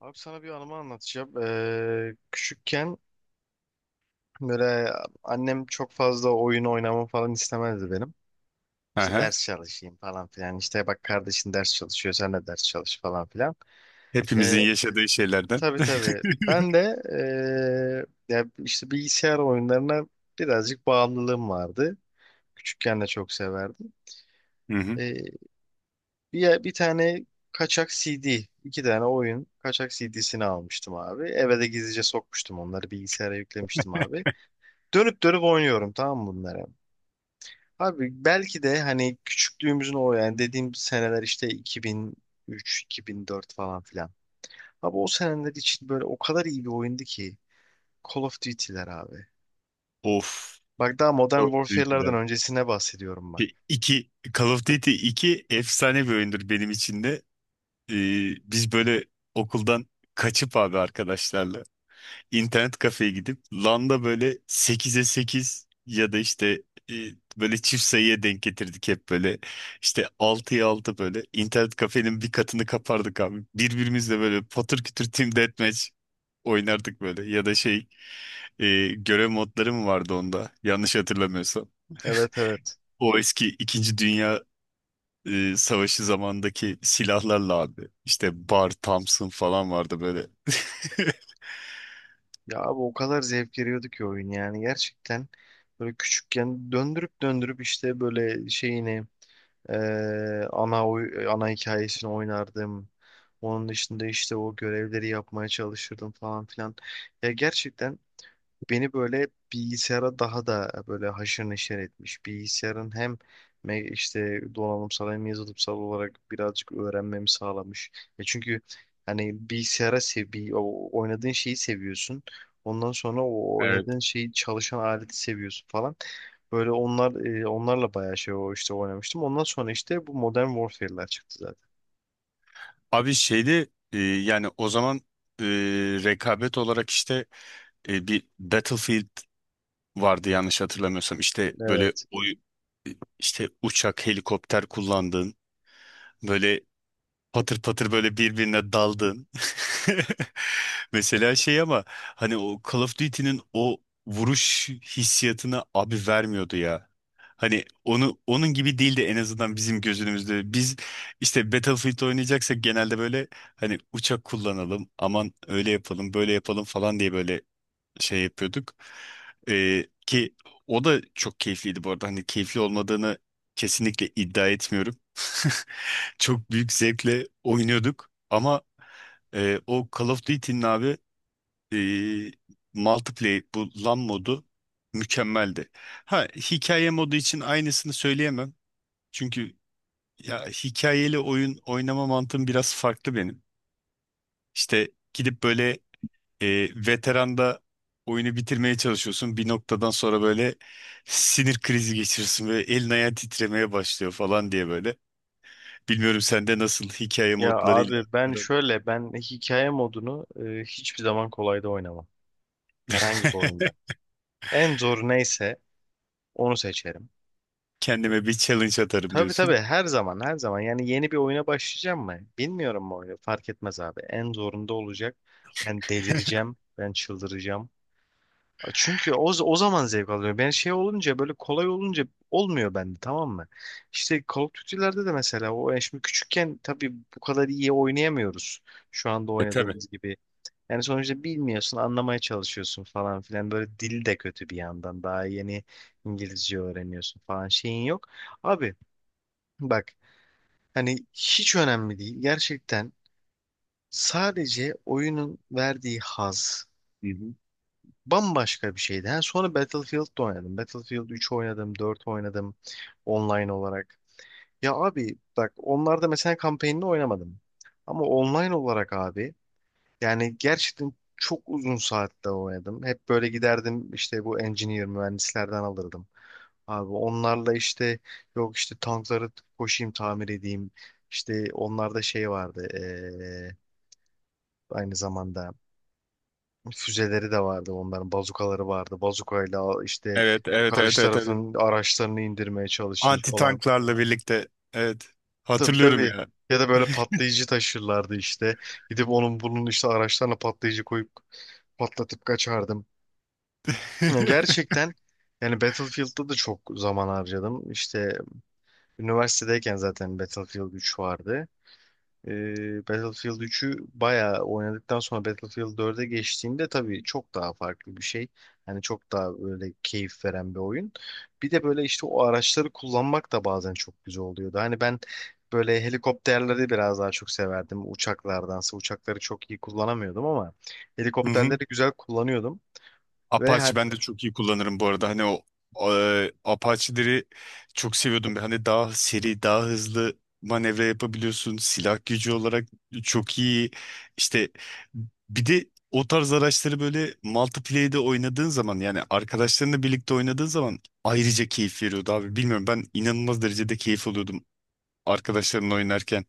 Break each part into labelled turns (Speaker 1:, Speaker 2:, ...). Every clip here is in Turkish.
Speaker 1: Abi sana bir anımı anlatacağım. Küçükken böyle annem çok fazla oyun oynamamı falan istemezdi benim. İşte
Speaker 2: Aha.
Speaker 1: ders çalışayım falan filan. İşte bak kardeşin ders çalışıyor sen de ders çalış falan filan. Ee,
Speaker 2: Hepimizin yaşadığı şeylerden.
Speaker 1: tabii tabii. Ben de ya işte bilgisayar oyunlarına birazcık bağımlılığım vardı. Küçükken de çok severdim.
Speaker 2: Hı hı.
Speaker 1: Ee, bir tane kaçak CD, iki tane oyun kaçak CD'sini almıştım abi. Eve de gizlice sokmuştum, onları bilgisayara yüklemiştim abi. Dönüp dönüp oynuyorum tamam mı bunları? Abi belki de hani küçüklüğümüzün o yani dediğim seneler işte 2003, 2004 falan filan. Abi o seneler için böyle o kadar iyi bir oyundu ki, Call of Duty'ler abi.
Speaker 2: Of.
Speaker 1: Bak daha Modern
Speaker 2: Call of
Speaker 1: Warfare'lardan
Speaker 2: Duty'ler.
Speaker 1: öncesine bahsediyorum bak.
Speaker 2: İki, Call of Duty 2 efsane bir oyundur benim için de. Ee, biz böyle okuldan kaçıp abi arkadaşlarla internet kafeye gidip LAN'da böyle 8'e 8 ya da e, böyle çift sayıya denk getirdik hep böyle. İşte 6'ya 6, böyle internet kafenin bir katını kapardık abi. Birbirimizle böyle patır kütür team deathmatch oynardık, böyle ya da görev modları mı vardı onda? Yanlış hatırlamıyorsam.
Speaker 1: Evet evet.
Speaker 2: O eski İkinci Dünya Savaşı zamandaki silahlarla abi. İşte Bar, Thompson falan vardı böyle.
Speaker 1: Ya abi o kadar zevk veriyordu ki oyun, yani gerçekten böyle küçükken döndürüp döndürüp işte böyle şeyini ana hikayesini oynardım. Onun dışında işte o görevleri yapmaya çalışırdım falan filan. Ya gerçekten beni böyle bilgisayara daha da böyle haşır neşir etmiş. Bilgisayarın hem işte donanımsal hem yazılımsal olarak birazcık öğrenmemi sağlamış. Ya çünkü hani bilgisayara o oynadığın şeyi seviyorsun. Ondan sonra o
Speaker 2: Evet.
Speaker 1: oynadığın şeyi çalışan aleti seviyorsun falan. Böyle onlar onlarla bayağı şey o işte oynamıştım. Ondan sonra işte bu Modern Warfare'ler çıktı zaten.
Speaker 2: Abi, yani o zaman, e, rekabet olarak bir Battlefield vardı yanlış hatırlamıyorsam. İşte
Speaker 1: Evet.
Speaker 2: işte uçak, helikopter kullandığın, böyle patır patır böyle birbirine daldın. Mesela şey, ama hani o Call of Duty'nin o vuruş hissiyatını abi vermiyordu ya. Hani onu onun gibi değildi, en azından bizim gözümüzde. Biz işte Battlefield oynayacaksak genelde böyle hani uçak kullanalım, aman öyle yapalım, böyle yapalım falan diye böyle şey yapıyorduk. Ki o da çok keyifliydi bu arada. Hani keyifli olmadığını kesinlikle iddia etmiyorum. Çok büyük zevkle oynuyorduk, ama o Call of Duty'nin abi, e, multiplayer, bu LAN modu mükemmeldi. Ha, hikaye modu için aynısını söyleyemem. Çünkü ya, hikayeli oyun oynama mantığım biraz farklı benim. İşte gidip böyle, veteranda oyunu bitirmeye çalışıyorsun. Bir noktadan sonra böyle sinir krizi geçirirsin ve elin ayağın titremeye başlıyor falan diye böyle. Bilmiyorum sende nasıl hikaye
Speaker 1: Ya
Speaker 2: modlarıyla
Speaker 1: abi ben
Speaker 2: aran?
Speaker 1: şöyle, ben hikaye modunu hiçbir zaman kolayda oynamam. Herhangi bir oyunda. En zor neyse onu seçerim.
Speaker 2: Kendime bir challenge atarım
Speaker 1: Tabii tabii,
Speaker 2: diyorsun.
Speaker 1: her zaman her zaman, yani yeni bir oyuna başlayacağım mı? Bilmiyorum bu oyunu, fark etmez abi. En zorunda olacak. Ben delireceğim. Ben çıldıracağım. Çünkü o zaman zevk alıyorum. Ben şey olunca, böyle kolay olunca olmuyor bende tamam mı? İşte Call of Duty'lerde de mesela o, yani şimdi küçükken tabii bu kadar iyi oynayamıyoruz. Şu anda
Speaker 2: E, tabii.
Speaker 1: oynadığımız gibi. Yani sonuçta bilmiyorsun, anlamaya çalışıyorsun falan filan. Böyle dil de kötü bir yandan. Daha yeni İngilizce öğreniyorsun falan, şeyin yok. Abi bak hani hiç önemli değil. Gerçekten sadece oyunun verdiği haz
Speaker 2: Hı hı.
Speaker 1: bambaşka bir şeydi. Ha, sonra Battlefield'da oynadım. Battlefield 3 oynadım, 4 oynadım online olarak. Ya abi bak, onlarda mesela kampanyanı oynamadım. Ama online olarak abi, yani gerçekten çok uzun saatte oynadım. Hep böyle giderdim, işte bu engineer mühendislerden alırdım. Abi onlarla işte, yok işte tankları koşayım tamir edeyim. İşte onlarda şey vardı, aynı zamanda füzeleri de vardı, onların bazukaları vardı. Bazukayla işte
Speaker 2: Evet, evet, evet,
Speaker 1: karşı
Speaker 2: evet, evet.
Speaker 1: tarafın araçlarını indirmeye çalışayım
Speaker 2: Anti
Speaker 1: falan.
Speaker 2: tanklarla birlikte. Evet.
Speaker 1: Tabii
Speaker 2: Hatırlıyorum
Speaker 1: tabii.
Speaker 2: ya.
Speaker 1: Ya da böyle patlayıcı taşırlardı işte. Gidip onun bunun işte araçlarına patlayıcı koyup patlatıp kaçardım. Ya gerçekten, yani Battlefield'da da çok zaman harcadım. İşte üniversitedeyken zaten Battlefield 3 vardı. Battlefield 3'ü bayağı oynadıktan sonra Battlefield 4'e geçtiğimde tabii çok daha farklı bir şey. Hani çok daha böyle keyif veren bir oyun. Bir de böyle işte o araçları kullanmak da bazen çok güzel oluyordu. Hani ben böyle helikopterleri biraz daha çok severdim. Uçaklardansa, uçakları çok iyi kullanamıyordum ama
Speaker 2: Hı hı.
Speaker 1: helikopterleri güzel kullanıyordum. Ve
Speaker 2: Apache ben de çok iyi kullanırım bu arada. Hani o, Apache'leri çok seviyordum. Hani daha seri, daha hızlı manevra yapabiliyorsun. Silah gücü olarak çok iyi. İşte bir de o tarz araçları böyle multiplayer'de oynadığın zaman, yani arkadaşlarınla birlikte oynadığın zaman ayrıca keyif veriyordu abi. Bilmiyorum, ben inanılmaz derecede keyif alıyordum arkadaşlarımla oynarken.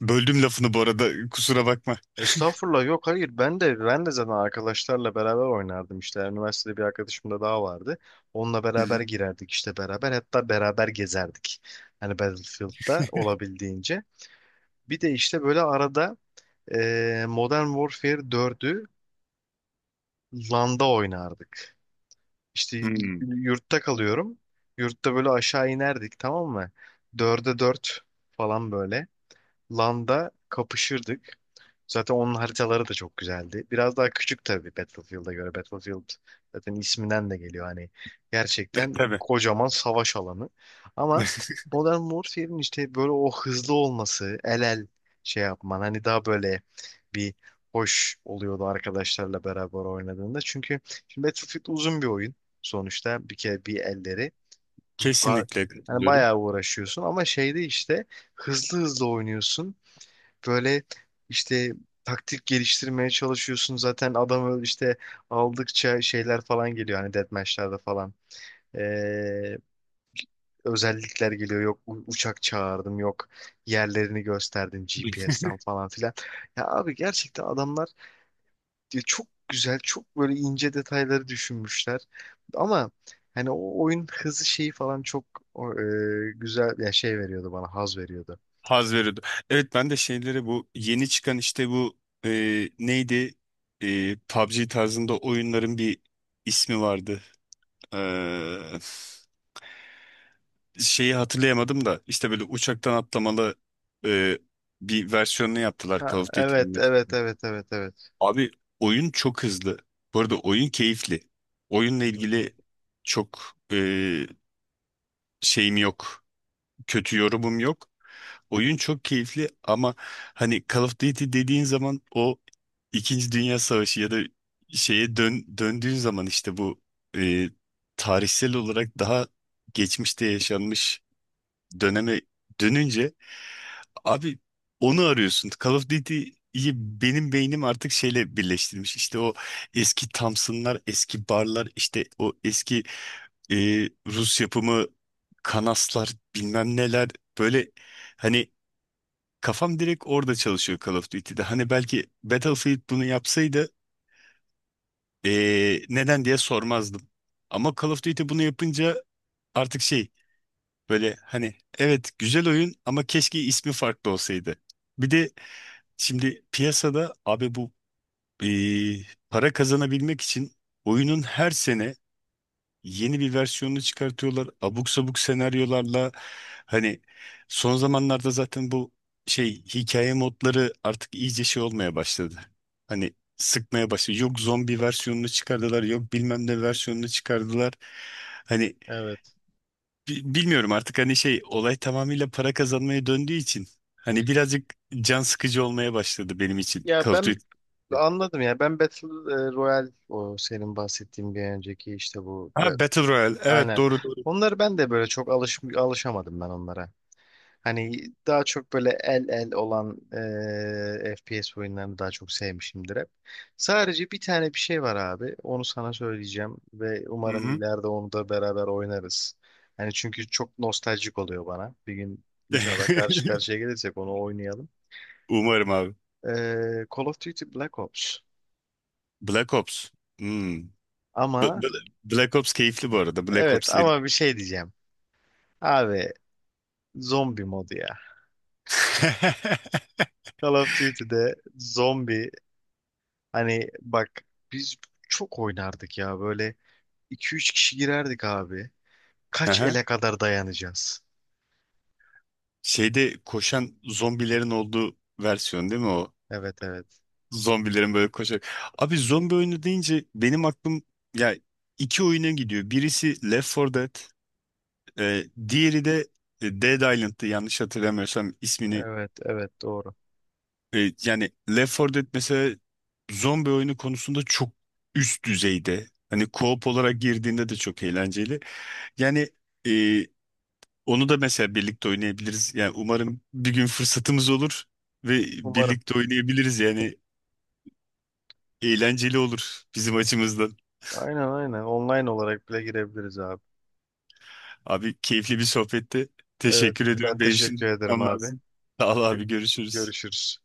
Speaker 2: Böldüm lafını bu arada, kusura bakma.
Speaker 1: Estağfurullah, yok hayır, ben de zaten arkadaşlarla beraber oynardım, işte üniversitede bir arkadaşım da daha vardı. Onunla
Speaker 2: Hı
Speaker 1: beraber
Speaker 2: hı.
Speaker 1: girerdik işte, beraber hatta beraber gezerdik. Hani Battlefield'da olabildiğince. Bir de işte böyle arada Modern Warfare 4'ü LAN'da oynardık. İşte
Speaker 2: Hmm.
Speaker 1: yurtta kalıyorum. Yurtta böyle aşağı inerdik tamam mı? Dörde 4 falan böyle. LAN'da kapışırdık. Zaten onun haritaları da çok güzeldi. Biraz daha küçük tabii Battlefield'a göre. Battlefield zaten isminden de geliyor. Hani
Speaker 2: E,
Speaker 1: gerçekten
Speaker 2: tabii.
Speaker 1: kocaman savaş alanı. Ama Modern Warfare'in işte böyle o hızlı olması, el el şey yapman, hani daha böyle bir hoş oluyordu arkadaşlarla beraber oynadığında. Çünkü şimdi Battlefield uzun bir oyun sonuçta. Bir kere bir elleri. Ba-
Speaker 2: Kesinlikle
Speaker 1: Hani
Speaker 2: katılıyorum.
Speaker 1: bayağı uğraşıyorsun ama şeyde işte hızlı hızlı oynuyorsun. Böyle işte taktik geliştirmeye çalışıyorsun. Zaten adamı işte aldıkça şeyler falan geliyor hani, deathmatch'lerde falan. Ee, özellikler geliyor. Yok uçak çağırdım, yok yerlerini gösterdim GPS'ten falan filan. Ya abi gerçekten adamlar, ya çok güzel, çok böyle ince detayları düşünmüşler. Ama hani o oyun hızı şeyi falan çok güzel, ya şey veriyordu bana, haz veriyordu.
Speaker 2: Haz veriyordu. Evet, ben de şeyleri, bu yeni çıkan işte bu, neydi, PUBG tarzında oyunların bir ismi vardı. E, şeyi hatırlayamadım da, işte böyle uçaktan atlamalı e, bir versiyonunu yaptılar Call
Speaker 1: Ha,
Speaker 2: of Duty'nin
Speaker 1: evet, evet,
Speaker 2: mesela.
Speaker 1: evet, evet, evet.
Speaker 2: Abi, oyun çok hızlı. Bu arada oyun keyifli. Oyunla
Speaker 1: Hı hı.
Speaker 2: ilgili çok e, şeyim yok. Kötü yorumum yok. Oyun çok keyifli, ama hani Call of Duty dediğin zaman o İkinci Dünya Savaşı ya da döndüğün zaman işte bu, e, tarihsel olarak daha geçmişte yaşanmış döneme dönünce abi onu arıyorsun. Call of Duty'yi benim beynim artık şeyle birleştirmiş. İşte o eski Thompson'lar, eski barlar, işte o eski, e, Rus yapımı kanaslar, bilmem neler, böyle hani. Kafam direkt orada çalışıyor Call of Duty'de. Hani belki Battlefield bunu yapsaydı neden diye sormazdım. Ama Call of Duty bunu yapınca artık şey, böyle hani evet, güzel oyun ama keşke ismi farklı olsaydı. Bir de şimdi piyasada abi bu, para kazanabilmek için oyunun her sene yeni bir versiyonunu çıkartıyorlar. Abuk sabuk senaryolarla, hani son zamanlarda zaten bu şey, hikaye modları artık iyice şey olmaya başladı. Hani sıkmaya başladı. Yok zombi versiyonunu çıkardılar, yok bilmem ne versiyonunu çıkardılar. Hani
Speaker 1: Evet.
Speaker 2: bilmiyorum artık, hani şey, olay tamamıyla para kazanmaya döndüğü için hani birazcık can sıkıcı olmaya başladı benim için
Speaker 1: Ya
Speaker 2: Call of Duty.
Speaker 1: ben anladım ya. Ben Battle Royale, o senin bahsettiğin bir önceki işte bu.
Speaker 2: Ha, Battle Royale. Evet,
Speaker 1: Aynen.
Speaker 2: doğru doğru.
Speaker 1: Onları ben de böyle çok alışamadım, ben onlara. Hani daha çok böyle el el olan FPS oyunlarını daha çok sevmişimdir hep. Sadece bir tane bir şey var abi. Onu sana söyleyeceğim ve
Speaker 2: Hı
Speaker 1: umarım
Speaker 2: hı.
Speaker 1: ileride onu da beraber oynarız. Hani çünkü çok nostaljik oluyor bana. Bir gün inşallah karşı karşıya gelirsek onu oynayalım.
Speaker 2: Umarım abi.
Speaker 1: E, Call of Duty Black Ops.
Speaker 2: Black Ops. Hmm. B-
Speaker 1: Ama
Speaker 2: B- Black Ops keyifli bu arada. Black
Speaker 1: evet,
Speaker 2: Ops seri.
Speaker 1: ama bir şey diyeceğim. Abi zombi modu ya. Call of Duty'de zombi, hani bak biz çok oynardık ya böyle, iki üç kişi girerdik abi. Kaç
Speaker 2: Aha.
Speaker 1: ele kadar dayanacağız?
Speaker 2: Şeyde koşan zombilerin olduğu versiyon değil mi o?
Speaker 1: Evet evet.
Speaker 2: Zombilerin böyle koşarak. Abi, zombi oyunu deyince benim aklım ya iki oyuna gidiyor. Birisi Left 4 Dead, diğeri de Dead Island'tı yanlış hatırlamıyorsam ismini.
Speaker 1: Evet evet doğru.
Speaker 2: E, yani Left 4 Dead mesela zombi oyunu konusunda çok üst düzeyde. Hani co-op olarak girdiğinde de çok eğlenceli. Yani, e, onu da mesela birlikte oynayabiliriz. Yani umarım bir gün fırsatımız olur ve
Speaker 1: Umarım.
Speaker 2: birlikte oynayabiliriz. Yani eğlenceli olur bizim açımızdan.
Speaker 1: Aynen aynen. Online olarak bile girebiliriz abi.
Speaker 2: Abi, keyifli bir sohbetti.
Speaker 1: Evet,
Speaker 2: Teşekkür
Speaker 1: ben
Speaker 2: ediyorum. Benim şimdi
Speaker 1: teşekkür ederim
Speaker 2: gitmem
Speaker 1: abi.
Speaker 2: lazım. Sağ ol
Speaker 1: Gö-
Speaker 2: abi, görüşürüz.
Speaker 1: Görüşürüz.